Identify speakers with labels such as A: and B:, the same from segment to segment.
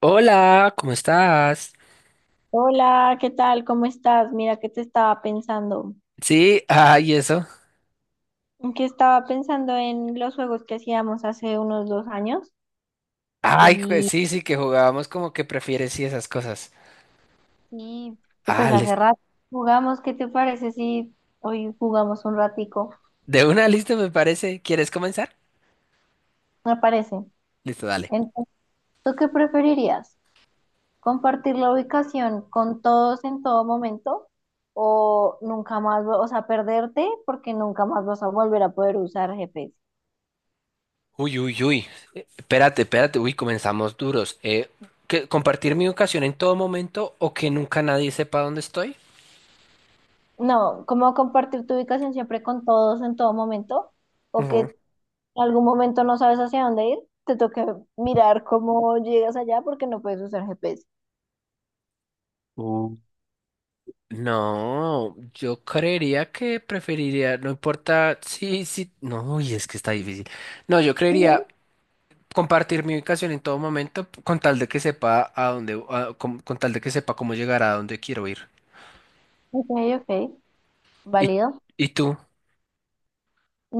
A: Hola, ¿cómo estás?
B: Hola, ¿qué tal? ¿Cómo estás? Mira que te estaba pensando,
A: Sí, ay, eso.
B: que estaba pensando en los juegos que hacíamos hace unos 2 años
A: Ay,
B: y,
A: sí, sí, que jugábamos como que prefieres y esas cosas.
B: y, y
A: Ah,
B: pues
A: lis-
B: hace rato jugamos. ¿Qué te parece si hoy jugamos un ratico?
A: de una lista me parece. ¿Quieres comenzar?
B: Me parece.
A: Listo, dale.
B: Entonces, ¿tú qué preferirías? ¿Compartir la ubicación con todos en todo momento o nunca más, o sea, perderte porque nunca más vas a volver a poder usar GPS?
A: Uy, uy, uy. Espérate, espérate. Uy, comenzamos duros. ¿Que compartir mi ubicación en todo momento o que nunca nadie sepa dónde estoy?
B: No, como compartir tu ubicación siempre con todos en todo momento, o
A: Ujú.
B: que algún momento no sabes hacia dónde ir, te toca mirar cómo llegas allá porque no puedes usar GPS.
A: Uh, No, yo creería que preferiría, no importa, sí, sí, no, y es que está difícil. No, yo
B: Mm,
A: creería compartir mi ubicación en todo momento con tal de que sepa a dónde, con tal de que sepa cómo llegar a dónde quiero ir.
B: ok, ok,
A: ¿Y,
B: válido.
A: y tú?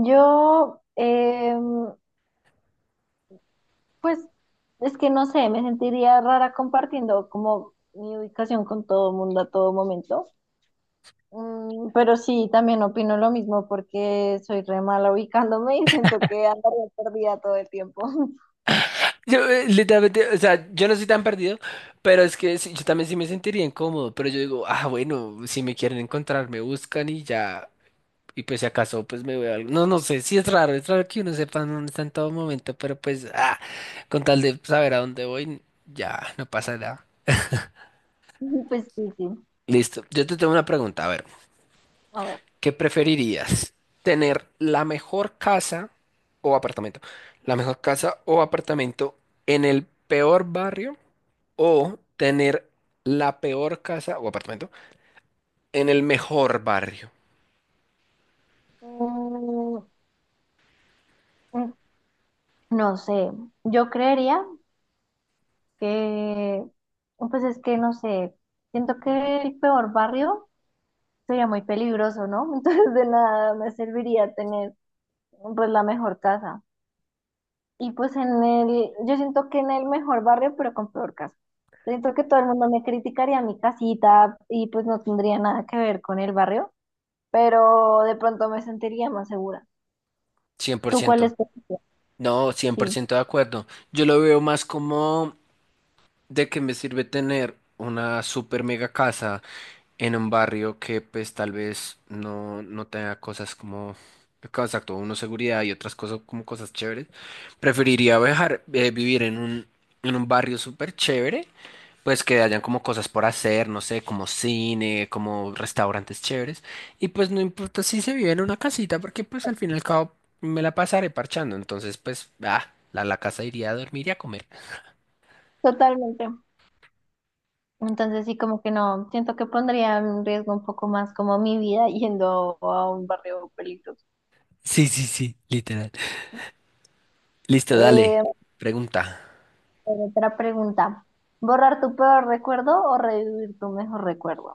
B: Yo, pues, es que no sé, me sentiría rara compartiendo como mi ubicación con todo el mundo a todo momento. Mm, pero sí, también opino lo mismo porque soy re mala ubicándome y siento que andaría perdida todo el tiempo.
A: Yo, literalmente, o sea, yo no soy tan perdido, pero es que sí, yo también sí me sentiría incómodo, pero yo digo, ah, bueno, si me quieren encontrar, me buscan y ya, y pues si acaso, pues me veo algo. No, no sé, sí es raro que uno sepa dónde está en todo momento, pero pues, ah, con tal de saber a dónde voy, ya, no pasa nada.
B: Pues sí, sí.
A: Listo, yo te tengo una pregunta, a ver.
B: A ver.
A: ¿Qué preferirías? ¿Tener la mejor casa o apartamento? ¿La mejor casa o apartamento en el peor barrio o tener la peor casa o apartamento en el mejor barrio?
B: Mm, mm, no sé, yo creería que, pues es que no sé, siento que el peor barrio sería muy peligroso, ¿no? Entonces de nada me serviría tener pues la mejor casa. Y pues en el, yo siento que en el mejor barrio, pero con peor casa. Siento que todo el mundo me criticaría mi casita y pues no tendría nada que ver con el barrio, pero de pronto me sentiría más segura. ¿Tú cuál
A: 100%.
B: es tu opinión?
A: No,
B: Sí,
A: 100% de acuerdo. Yo lo veo más como ¿de qué me sirve tener una super mega casa en un barrio que pues tal vez no tenga cosas como, exacto, uno seguridad y otras cosas como cosas chéveres? Preferiría viajar, vivir en un barrio súper chévere, pues que hayan como cosas por hacer, no sé, como cine, como restaurantes chéveres. Y pues no importa si se vive en una casita, porque pues al fin y al cabo me la pasaré parchando. Entonces pues, ah, la casa iría a dormir y a comer.
B: totalmente. Entonces sí, como que no, siento que pondría en riesgo un poco más como mi vida yendo a un barrio peligroso.
A: Sí, sí, sí, literal. Listo, dale.
B: Eh,
A: Pregunta.
B: otra pregunta, ¿borrar tu peor recuerdo o revivir tu mejor recuerdo?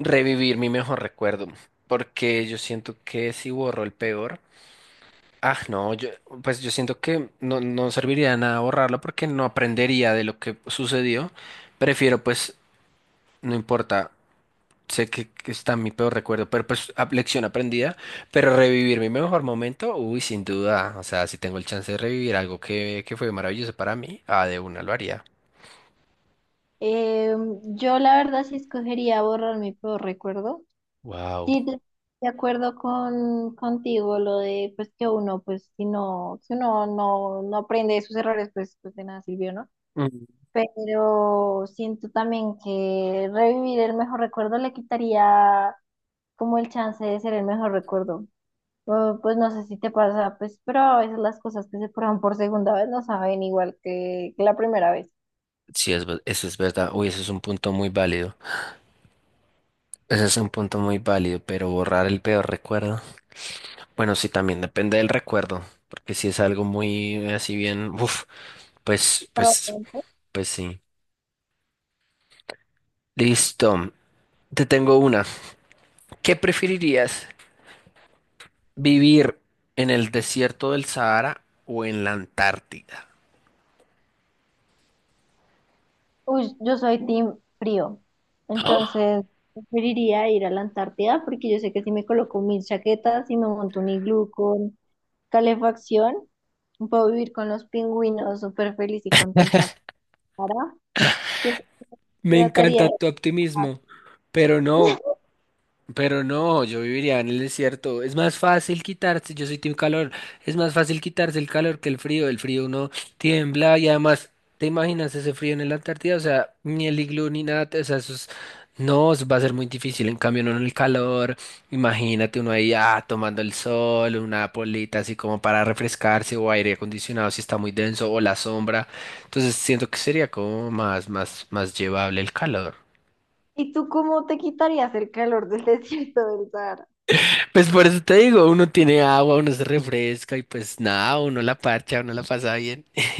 A: Revivir mi mejor recuerdo, porque yo siento que si borro el peor, ah, no, yo, pues yo siento que no, no serviría de nada borrarlo porque no aprendería de lo que sucedió. Prefiero, pues, no importa, sé que está mi peor recuerdo, pero pues lección aprendida, pero revivir mi mejor momento, uy, sin duda, o sea, si tengo el chance de revivir algo que fue maravilloso para mí, ah, de una lo haría.
B: Eh, yo la verdad sí escogería borrar mi peor recuerdo.
A: Wow.
B: Sí, de acuerdo contigo lo de pues que uno, pues si no, si uno no aprende de sus errores, pues pues de nada sirvió, ¿no?
A: Mm.
B: Pero siento también que revivir el mejor recuerdo le quitaría como el chance de ser el mejor recuerdo. O, pues no sé si te pasa, pues, pero a veces las cosas que se prueban por segunda vez no saben igual que la primera vez.
A: Sí, es, eso es verdad, uy, eso es un punto muy válido. Ese es un punto muy válido, pero borrar el peor recuerdo. Bueno, sí, también depende del recuerdo, porque si es algo muy así bien, uff, pues,
B: Pero,
A: pues, pues sí. Listo. Te tengo una. ¿Qué preferirías? ¿Vivir en el desierto del Sahara o en la Antártida?
B: uy, yo soy team frío, entonces preferiría ir a la Antártida porque yo sé que si me coloco 1000 chaquetas y me monto un iglú con calefacción, puedo vivir con los pingüinos súper feliz y contenta. Para
A: Me encanta
B: hidrataría.
A: tu optimismo, pero no. Pero no, yo viviría en el desierto. Es más fácil quitarse, yo soy team calor, es más fácil quitarse el calor que el frío. El frío uno tiembla y además, ¿te imaginas ese frío en la Antártida? O sea, ni el iglú ni nada, o sea, no, eso va a ser muy difícil. En cambio, no en el calor, imagínate uno ahí ah, tomando el sol, una polita así como para refrescarse o aire acondicionado si está muy denso o la sombra. Entonces siento que sería como más, más, más llevable el calor.
B: ¿Y tú cómo te quitarías el calor del desierto del Sahara?
A: Pues por eso te digo, uno tiene agua, uno se refresca y pues nada, uno la parcha, uno la pasa bien.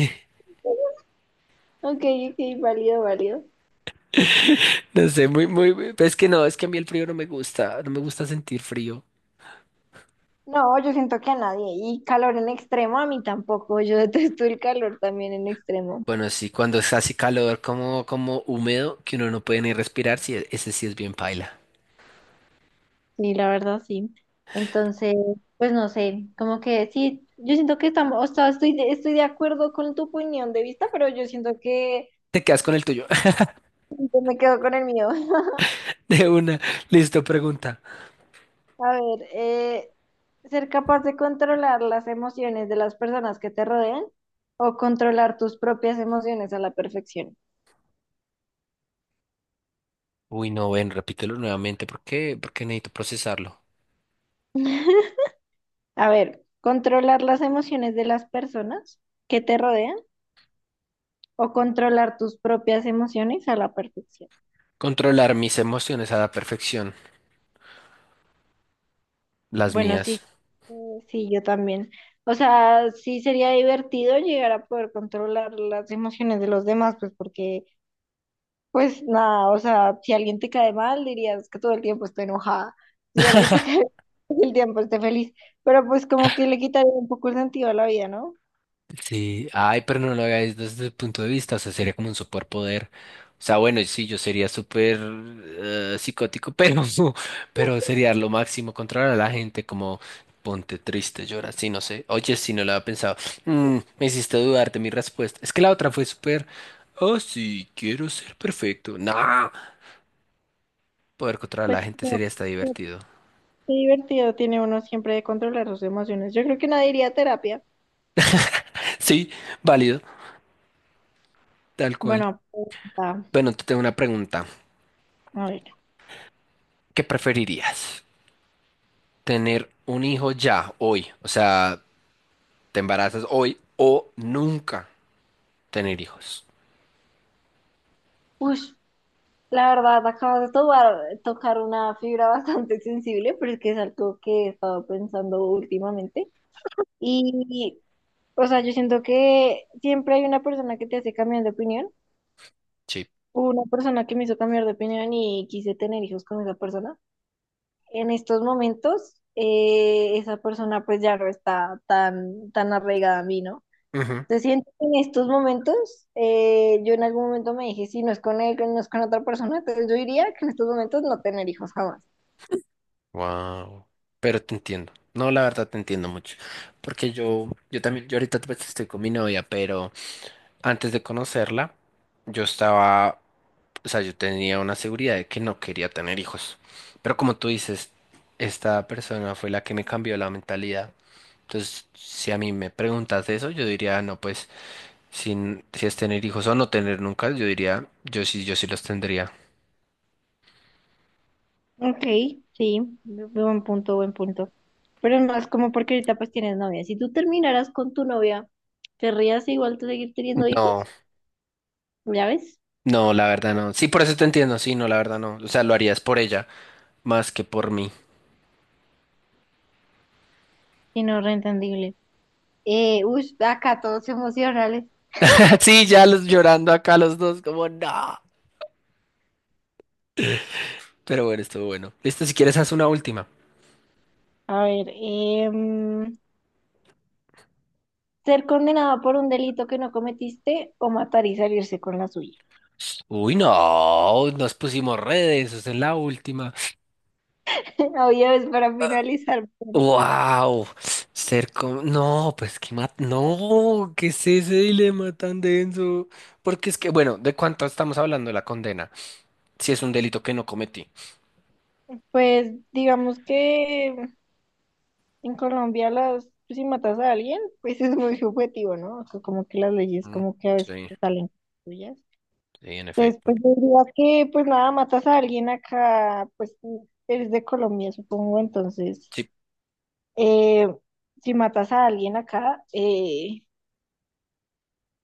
B: Ok, ok, válido, válido.
A: No sé, pues es que no, es que a mí el frío no me gusta, no me gusta sentir frío.
B: No, yo siento que a nadie. Y calor en extremo, a mí tampoco. Yo detesto el calor también en extremo.
A: Bueno, sí, cuando es así calor como húmedo, que uno no puede ni respirar, sí, ese sí es bien paila.
B: Sí, la verdad, sí. Entonces, pues no sé, como que sí, yo siento que estamos, o sea, estoy de acuerdo con tu opinión de vista, pero yo siento que
A: Te quedas con el tuyo.
B: yo me quedo con el mío.
A: De una, listo, pregunta.
B: A ver, ser capaz de controlar las emociones de las personas que te rodean o controlar tus propias emociones a la perfección.
A: Uy, no, ven, repítelo nuevamente, ¿por qué? Porque necesito procesarlo.
B: A ver, controlar las emociones de las personas que te rodean o controlar tus propias emociones a la perfección.
A: Controlar mis emociones a la perfección, las
B: Bueno, sí,
A: mías.
B: sí, yo también. O sea, sí sería divertido llegar a poder controlar las emociones de los demás, pues porque pues nada, o sea, si alguien te cae mal, dirías que todo el tiempo estoy enojada. Si alguien te cae bien, todo el tiempo esté feliz. Pero pues como que le quitaría un poco el sentido a la vida, ¿no?
A: Sí, ay, pero no lo hagáis desde el punto de vista, o sea, sería como un superpoder. O sea, bueno, sí, yo sería súper psicótico, pero, pero sería lo máximo controlar a la gente, como ponte triste, llora, sí, no sé. Oye, sí, no lo había pensado. Mm, me hiciste dudar de mi respuesta. Es que la otra fue súper, oh, sí, quiero ser perfecto. No, poder controlar a la
B: Pues sí,
A: gente
B: como que
A: sería hasta divertido.
B: qué divertido tiene uno siempre de controlar sus emociones. Yo creo que nadie iría a terapia.
A: Sí, válido, tal cual.
B: Bueno, pues, ah,
A: Bueno, te tengo una pregunta.
B: a ver.
A: ¿Qué preferirías? Tener un hijo ya, hoy. O sea, te embarazas hoy o nunca tener hijos.
B: Ush, la verdad, acabas de tocar una fibra bastante sensible, pero es que es algo que he estado pensando últimamente. Y, o sea, yo siento que siempre hay una persona que te hace cambiar de opinión.
A: Sí.
B: Una persona que me hizo cambiar de opinión y quise tener hijos con esa persona. En estos momentos, esa persona pues ya no está tan arraigada a mí, ¿no?
A: Ujú.
B: Se siente que en estos momentos, yo en algún momento me dije, si no es con él, no es con otra persona, entonces yo diría que en estos momentos no tener hijos jamás.
A: Wow. Pero te entiendo. No, la verdad te entiendo mucho. Porque yo también, yo ahorita pues, estoy con mi novia, pero antes de conocerla, yo estaba, o sea, yo tenía una seguridad de que no quería tener hijos. Pero como tú dices, esta persona fue la que me cambió la mentalidad. Entonces, si a mí me preguntas eso, yo diría, no, pues. Sin, si es tener hijos o no tener nunca, yo diría, yo sí, yo sí los tendría.
B: Ok, sí, buen punto, buen punto. Pero es más como porque ahorita pues tienes novia. Si tú terminaras con tu novia, ¿querrías igual tú seguir teniendo
A: No,
B: hijos? ¿Ya ves?
A: no, la verdad no. Sí, por eso te entiendo, sí, no, la verdad no. O sea, lo harías por ella más que por mí.
B: Y no, reentendible. Uy, acá todos emocionales.
A: Sí, ya los llorando acá los dos, como no. Pero bueno, estuvo bueno. Listo, si quieres, haz una última.
B: A ver, ser condenado por un delito que no cometiste o matar y salirse con la suya.
A: Uy, no, nos pusimos redes, esa es la última.
B: Oye, es para finalizar.
A: Wow, no, pues no, ¿qué es ese dilema tan denso? Porque es que, bueno, ¿de cuánto estamos hablando de la condena? Si es un delito que no cometí.
B: Pues digamos que en Colombia las, pues, si matas a alguien, pues es muy subjetivo, ¿no? O sea, como que las leyes
A: Mm.
B: como que a veces
A: Sí,
B: salen suyas.
A: sí, en
B: Entonces,
A: efecto.
B: pues yo diría que pues nada, matas a alguien acá, pues eres de Colombia, supongo, entonces
A: Sí.
B: eh, si matas a alguien acá,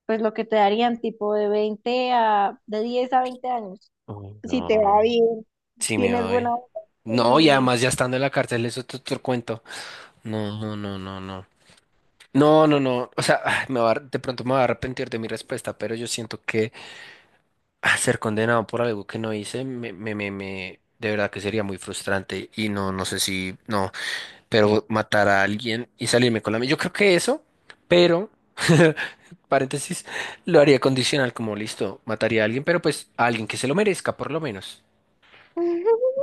B: pues lo que te darían tipo de 20 a, de 10 a 20 años.
A: Uy,
B: Si te va
A: no.
B: bien,
A: Sí, me
B: tienes buena
A: voy.
B: vida
A: No, y
B: y
A: además ya estando en la cárcel, eso es otro cuento. No, no, no, no, no. No, no, no. O sea, ah, me va a ar- de pronto me va a arrepentir de mi respuesta, pero yo siento que ah, ser condenado por algo que no hice, de verdad que sería muy frustrante. Y no, no sé si, no, pero matar a alguien y salirme con la mía. Yo creo que eso, pero paréntesis, lo haría condicional como listo, mataría a alguien, pero pues a alguien que se lo merezca por lo menos.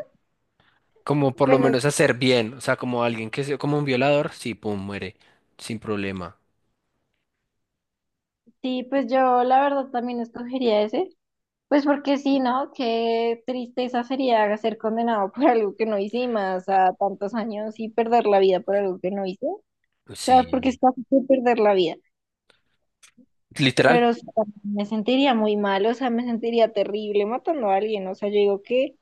A: Como por lo
B: bueno,
A: menos hacer bien, o sea, como alguien que se, como un violador, sí, pum, muere, sin problema.
B: sí, pues yo la verdad también escogería ese. Pues porque sí, ¿no? Qué tristeza sería ser condenado por algo que no hice y más a tantos años y perder la vida por algo que no hice. O sea, porque
A: Sí,
B: es fácil perder la vida.
A: literal.
B: Pero sí, me sentiría muy mal, o sea, me sentiría terrible matando a alguien. O sea, yo digo que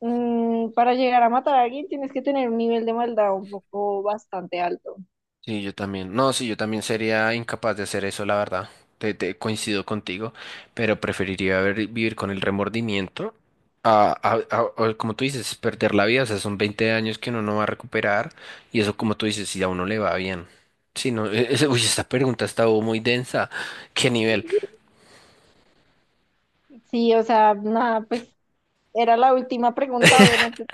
B: mm, para llegar a matar a alguien tienes que tener un nivel de maldad un poco bastante alto.
A: Sí, yo también. No, sí, yo también sería incapaz de hacer eso, la verdad. Te coincido contigo, pero preferiría vivir con el remordimiento. Como tú dices, perder la vida, o sea, son 20 años que uno no va a recuperar y eso, como tú dices, si a uno le va bien. Sí, no, uy, esta pregunta estaba muy densa. ¿Qué nivel?
B: Sí, o sea, nada, pues era la última pregunta, obviamente.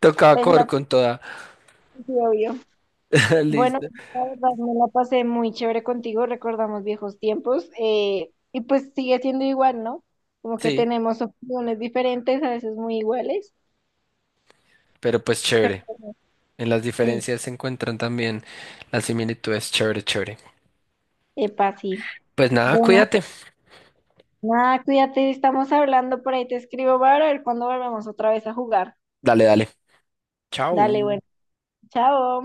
A: Tocaba cover
B: Pensando,
A: con toda.
B: obvio. Bueno,
A: Listo.
B: la verdad, me la pasé muy chévere contigo, recordamos viejos tiempos, y pues sigue siendo igual, ¿no? Como que
A: Sí,
B: tenemos opiniones diferentes, a veces muy iguales,
A: pero pues
B: pero
A: chévere. En las
B: sí,
A: diferencias se encuentran también las similitudes. Chévere, chévere.
B: epa, sí.
A: Pues nada,
B: Bueno,
A: cuídate.
B: nada, cuídate, estamos hablando por ahí, te escribo para ver cuándo volvemos otra vez a jugar.
A: Dale, dale.
B: Dale,
A: Chao.
B: bueno, chao.